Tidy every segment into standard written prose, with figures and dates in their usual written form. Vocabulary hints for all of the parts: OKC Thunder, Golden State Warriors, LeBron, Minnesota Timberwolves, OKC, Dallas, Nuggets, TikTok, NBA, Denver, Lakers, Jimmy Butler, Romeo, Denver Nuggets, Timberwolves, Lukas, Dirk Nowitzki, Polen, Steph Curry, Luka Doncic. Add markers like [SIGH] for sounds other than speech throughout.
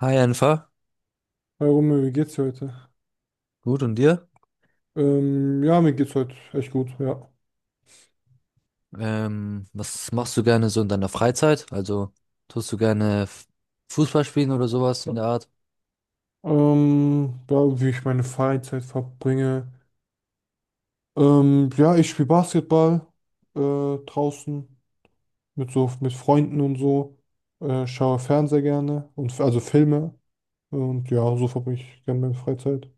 Hi Enfer, Hi Romeo, wie geht's dir heute? gut und dir? Ja, mir geht's heute echt gut, ja. Was machst du gerne so in deiner Freizeit? Also tust du gerne Fußball spielen oder sowas in der Art? Ja, wie ich meine Freizeit verbringe. Ja, ich spiele Basketball äh, draußen mit Freunden und so. Schaue Fernseher gerne und also Filme. Und ja, so verbringe ich gerne meine Freizeit.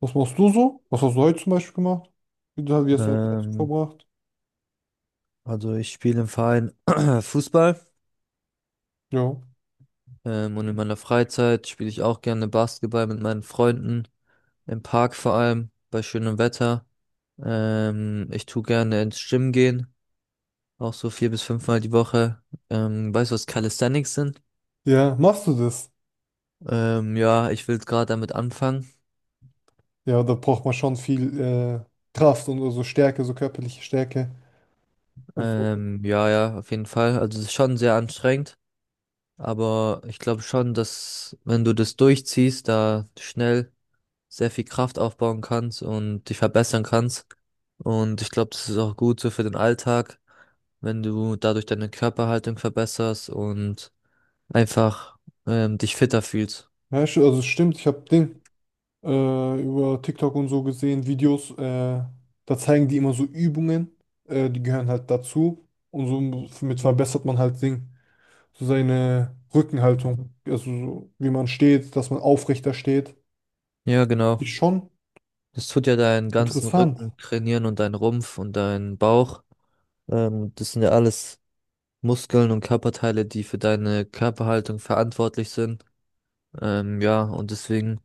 Was machst du so? Was hast du heute zum Beispiel gemacht? Wie hast du deine Zeit so Ähm, verbracht? also ich spiele im Verein [CLEARS THROAT] Fußball Ja. Und in meiner Freizeit spiele ich auch gerne Basketball mit meinen Freunden, im Park vor allem, bei schönem Wetter. Ich tue gerne ins Gym gehen, auch so vier bis fünfmal die Woche. Weißt du, was Calisthenics sind? Ja, machst du das? Ja, ich will gerade damit anfangen. Ja, da braucht man schon viel Kraft und so Stärke, so körperliche Stärke. Ja, auf jeden Fall. Also es ist schon sehr anstrengend, aber ich glaube schon, dass wenn du das durchziehst, da schnell sehr viel Kraft aufbauen kannst und dich verbessern kannst. Und ich glaube, das ist auch gut so für den Alltag, wenn du dadurch deine Körperhaltung verbesserst und einfach dich fitter fühlst. Ja, also es stimmt, ich habe Ding über TikTok und so gesehen, Videos, da zeigen die immer so Übungen, die gehören halt dazu und so mit verbessert man halt Ding, so seine Rückenhaltung, also so, wie man steht, dass man aufrechter steht. Ja, genau. Ist schon Das tut ja deinen ganzen interessant. Rücken trainieren und deinen Rumpf und deinen Bauch. Das sind ja alles Muskeln und Körperteile, die für deine Körperhaltung verantwortlich sind. Ja, und deswegen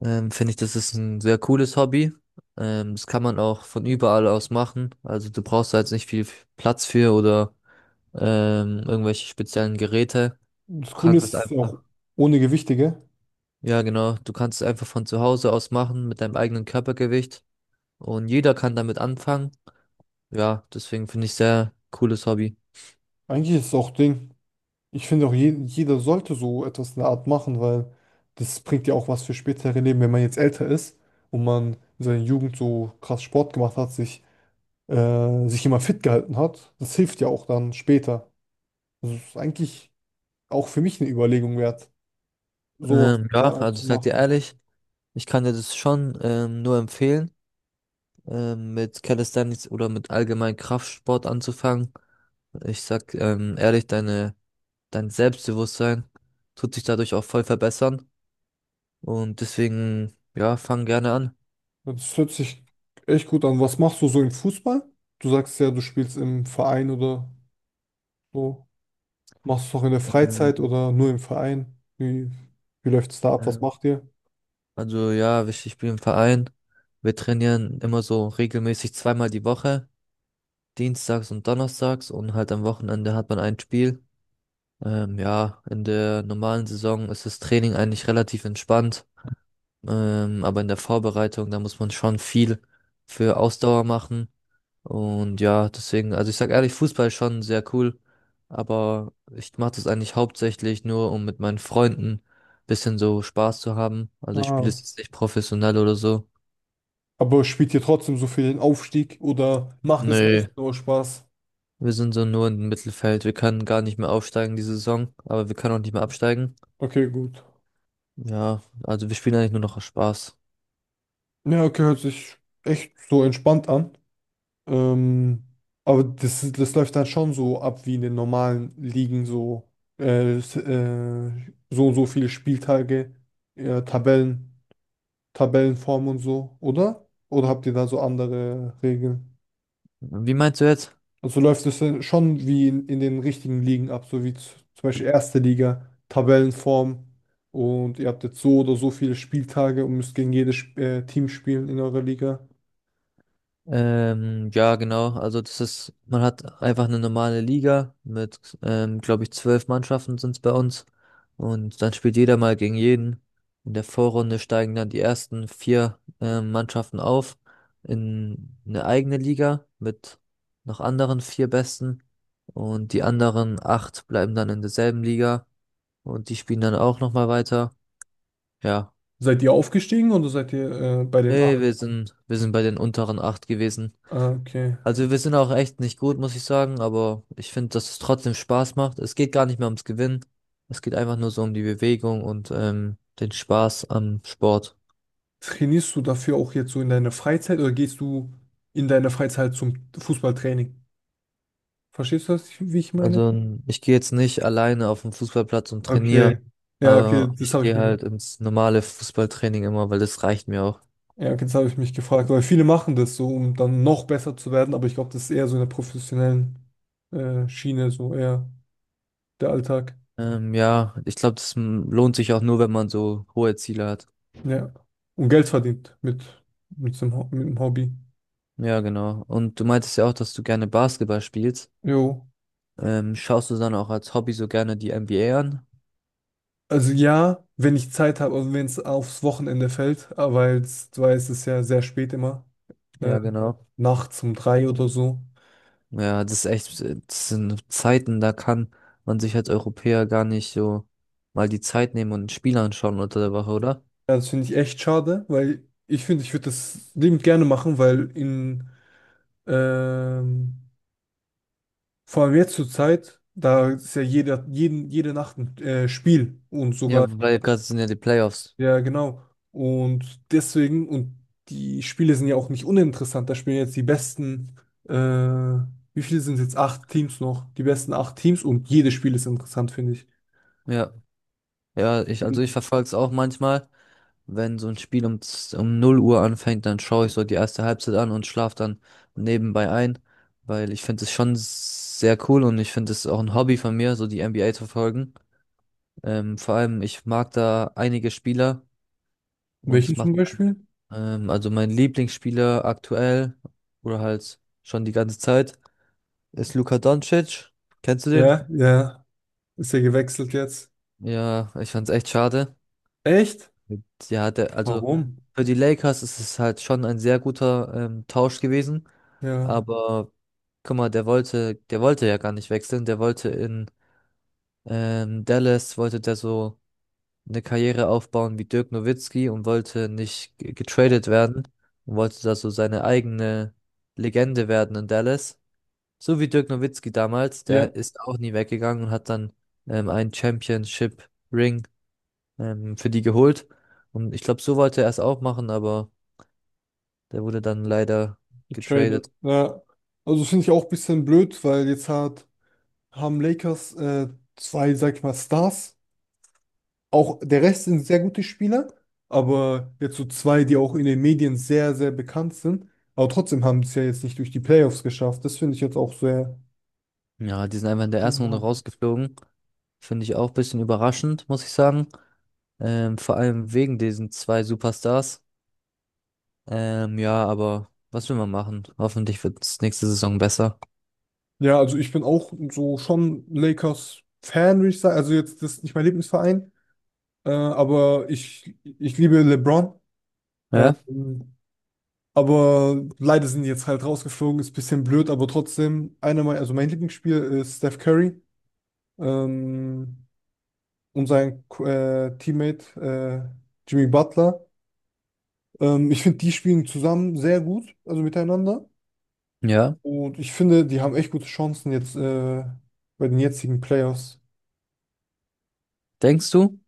finde ich, das ist ein sehr cooles Hobby. Das kann man auch von überall aus machen. Also du brauchst da jetzt nicht viel Platz für oder irgendwelche speziellen Geräte. Das Du Coole kannst ist, es es ist ja auch einfach, ohne Gewichte, gell? ja genau, du kannst es einfach von zu Hause aus machen mit deinem eigenen Körpergewicht. Und jeder kann damit anfangen. Ja, deswegen finde ich sehr cooles Hobby. Eigentlich ist es auch Ding. Ich finde auch, jeder sollte so etwas in der Art machen, weil das bringt ja auch was für spätere Leben, wenn man jetzt älter ist und man in seiner Jugend so krass Sport gemacht hat, sich immer fit gehalten hat. Das hilft ja auch dann später. Das ist eigentlich auch für mich eine Überlegung wert, sowas Ähm, in ja, der Art also zu ich sag dir machen. ehrlich, ich kann dir das schon nur empfehlen, mit Calisthenics oder mit allgemein Kraftsport anzufangen. Ich sag ehrlich, dein Selbstbewusstsein tut sich dadurch auch voll verbessern. Und deswegen, ja, fang gerne an. Das hört sich echt gut an. Was machst du so im Fußball? Du sagst ja, du spielst im Verein oder so. Machst du es auch in der Ähm, Freizeit oder nur im Verein? Wie läuft es da ab? äh, Was macht ihr? Also ja, wichtig, ich bin im Verein. Wir trainieren immer so regelmäßig zweimal die Woche, dienstags und donnerstags und halt am Wochenende hat man ein Spiel. Ja, in der normalen Saison ist das Training eigentlich relativ entspannt. Aber in der Vorbereitung, da muss man schon viel für Ausdauer machen. Und ja, deswegen, also ich sag ehrlich, Fußball ist schon sehr cool. Aber ich mache das eigentlich hauptsächlich nur, um mit meinen Freunden bisschen so Spaß zu haben. Also ich spiele Ah. es jetzt nicht professionell oder so. Aber spielt ihr trotzdem so für den Aufstieg oder macht es Nee. echt nur Spaß? Wir sind so nur im Mittelfeld. Wir können gar nicht mehr aufsteigen diese Saison, aber wir können auch nicht mehr absteigen. Okay, gut. Ja, also wir spielen eigentlich nur noch aus Spaß. Ja, okay, hört sich echt so entspannt an. Ähm, aber das läuft dann schon so ab wie in den normalen Ligen, so, äh, s- äh, so und so viele Spieltage, Tabellen, Tabellenform und so, oder? Oder habt ihr da so andere Regeln? Wie meinst du jetzt? Also so läuft es denn schon wie in den richtigen Ligen ab, so wie zum Beispiel erste Liga, Tabellenform und ihr habt jetzt so oder so viele Spieltage und müsst gegen jedes Team spielen in eurer Liga. Ja, genau. Also das ist, man hat einfach eine normale Liga mit, glaube ich, zwölf Mannschaften sind es bei uns. Und dann spielt jeder mal gegen jeden. In der Vorrunde steigen dann die ersten vier, Mannschaften auf in eine eigene Liga mit noch anderen vier Besten. Und die anderen acht bleiben dann in derselben Liga und die spielen dann auch nochmal weiter. Ja. Seid ihr aufgestiegen oder seid ihr bei den Nee, acht? Wir sind bei den unteren acht gewesen. Ah, okay. Also wir sind auch echt nicht gut, muss ich sagen, aber ich finde, dass es trotzdem Spaß macht. Es geht gar nicht mehr ums Gewinnen. Es geht einfach nur so um die Bewegung und den Spaß am Sport. Trainierst du dafür auch jetzt so in deiner Freizeit oder gehst du in deiner Freizeit zum Fußballtraining? Verstehst du das, wie ich meine? Ich gehe jetzt nicht alleine auf den Fußballplatz und trainiere, Okay. Ja, okay, aber das ich habe ich gehe mir halt ins normale Fußballtraining immer, weil das reicht mir auch. Ja, okay, das habe ich mich gefragt, weil viele machen das so, um dann noch besser zu werden, aber ich glaube, das ist eher so in der professionellen Schiene, so eher der Alltag. Ja, ich glaube, lohnt sich auch nur, wenn man so hohe Ziele hat. Ja. Und Geld verdient mit mit dem Hobby. Ja, genau. Und du meintest ja auch, dass du gerne Basketball spielst. Jo. Schaust du dann auch als Hobby so gerne die NBA an? Also ja, wenn ich Zeit habe, also wenn es aufs Wochenende fällt, aber weil du weißt, es ist ja sehr spät immer, äh, Ja, genau. nachts um drei oder so. Ja, das ist echt, das sind Zeiten, da kann man sich als Europäer gar nicht so mal die Zeit nehmen und ein Spiel anschauen unter der Woche, oder? Ja, das finde ich echt schade, weil ich finde, ich würde das liebend gerne machen, weil in ähm, vor allem jetzt zur Zeit, da ist ja jede Nacht ein Spiel und Ja, sogar, weil gerade sind ja die Playoffs. ja genau. Und deswegen, und die Spiele sind ja auch nicht uninteressant, da spielen jetzt die besten, äh, wie viele sind es jetzt? 8 Teams noch, die besten 8 Teams und jedes Spiel ist interessant, finde ich. Ja, ja, also ich Mhm. verfolge es auch manchmal, wenn so ein Spiel um 0 Uhr anfängt, dann schaue ich so die erste Halbzeit an und schlafe dann nebenbei ein, weil ich finde es schon sehr cool und ich finde es auch ein Hobby von mir, so die NBA zu verfolgen. Vor allem, ich mag da einige Spieler und Welche es zum macht. Beispiel? Also mein Lieblingsspieler aktuell oder halt schon die ganze Zeit ist Luka Doncic. Kennst du den? Ja, ja, ist ja gewechselt jetzt. Ja, ich fand's echt schade. Echt? Ja, also Warum? für die Lakers ist es halt schon ein sehr guter Tausch gewesen. Ja, Aber guck mal, der wollte ja gar nicht wechseln. Der wollte in Dallas, wollte der so eine Karriere aufbauen wie Dirk Nowitzki und wollte nicht getradet werden und wollte da so seine eigene Legende werden in Dallas. So wie Dirk Nowitzki damals, ja, der ist auch nie weggegangen und hat dann einen Championship-Ring für die geholt. Und ich glaube, so wollte er es auch machen, aber der wurde dann leider getradet. getradet. Ja, also finde ich auch ein bisschen blöd, weil jetzt hat haben Lakers zwei, sag ich mal, Stars. Auch der Rest sind sehr gute Spieler, aber jetzt so zwei, die auch in den Medien sehr, sehr bekannt sind. Aber trotzdem haben sie es ja jetzt nicht durch die Playoffs geschafft. Das finde ich jetzt auch sehr. Ja, die sind einfach in der ersten Runde Ja, rausgeflogen. Finde ich auch ein bisschen überraschend, muss ich sagen. Vor allem wegen diesen zwei Superstars. Ja, aber was will man machen? Hoffentlich wird es nächste Saison besser. ja, also ich bin auch so schon Lakers-Fan, würde ich sagen. Also jetzt, das ist nicht mein Lieblingsverein, ich liebe LeBron. Ja? Ähm, aber leider sind die jetzt halt rausgeflogen, ist ein bisschen blöd, aber trotzdem, also mein Lieblingsspiel ist Steph Curry. ähm, und sein Teammate Jimmy Butler. Ich finde, die spielen zusammen sehr gut, also miteinander. Ja. Und ich finde, die haben echt gute Chancen jetzt bei den jetzigen Playoffs. Denkst du?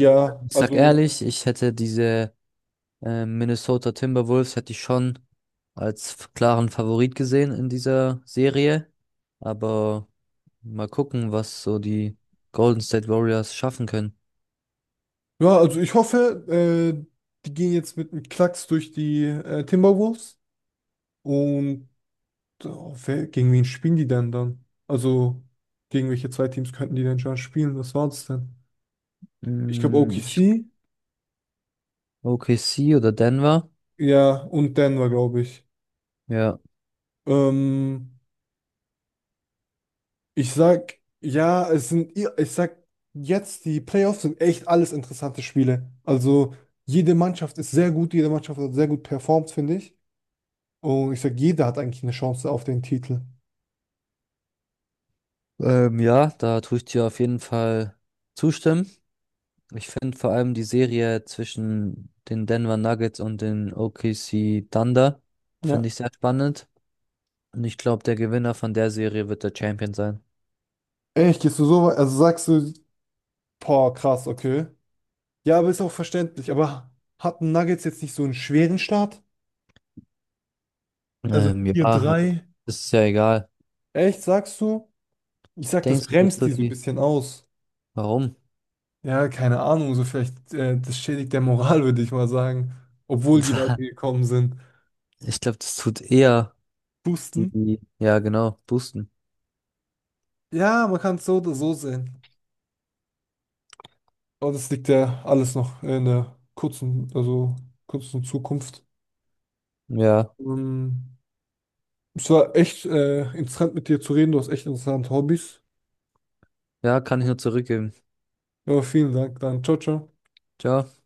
Ja, Ich sag also, ehrlich, ich hätte diese Minnesota Timberwolves hätte ich schon als klaren Favorit gesehen in dieser Serie. Aber mal gucken, was so die Golden State Warriors schaffen können. ja, also ich hoffe, die gehen jetzt mit einem Klacks durch die Timberwolves. Und oh, gegen wen spielen die denn dann? Also, gegen welche zwei Teams könnten die denn schon spielen? Was war das denn? Ich glaube, Mm, ich- OKC, OKC oder Denver? ja, und Denver, glaube ich. Ja. Ähm, ich sag, ich sag jetzt, die Playoffs sind echt alles interessante Spiele. Also jede Mannschaft ist sehr gut, jede Mannschaft hat sehr gut performt, finde ich. Und ich sag, jeder hat eigentlich eine Chance auf den Titel. Ja, da tue ich dir auf jeden Fall zustimmen. Ich finde vor allem die Serie zwischen den Denver Nuggets und den OKC Thunder finde Ja. ich sehr spannend. Und ich glaube, der Gewinner von der Serie wird der Champion sein. Echt, gehst du so weit? Also sagst du, boah, krass, okay. Ja, aber ist auch verständlich. Aber hatten Nuggets jetzt nicht so einen schweren Start? Also Ja, vier aber drei. das ist ja egal. Echt, sagst du? Ich sag, das Denkst du, das bremst die tut so ein die? bisschen aus. Warum? Ja, keine Ahnung, so vielleicht, das schädigt der Moral, [LAUGHS] würde ich mal sagen. Obwohl die [LAUGHS] weitergekommen sind. Ich glaube, das tut eher Pusten? die, ja, genau, boosten. Ja, man kann es so oder so sehen. Aber das liegt ja alles noch in der kurzen, also kurzen Zukunft. Ja, Ähm, es war echt interessant mit dir zu reden. Du hast echt interessante Hobbys. ja, kann ich nur zurückgeben. Ja, vielen Dank. Dann ciao, ciao. Ciao.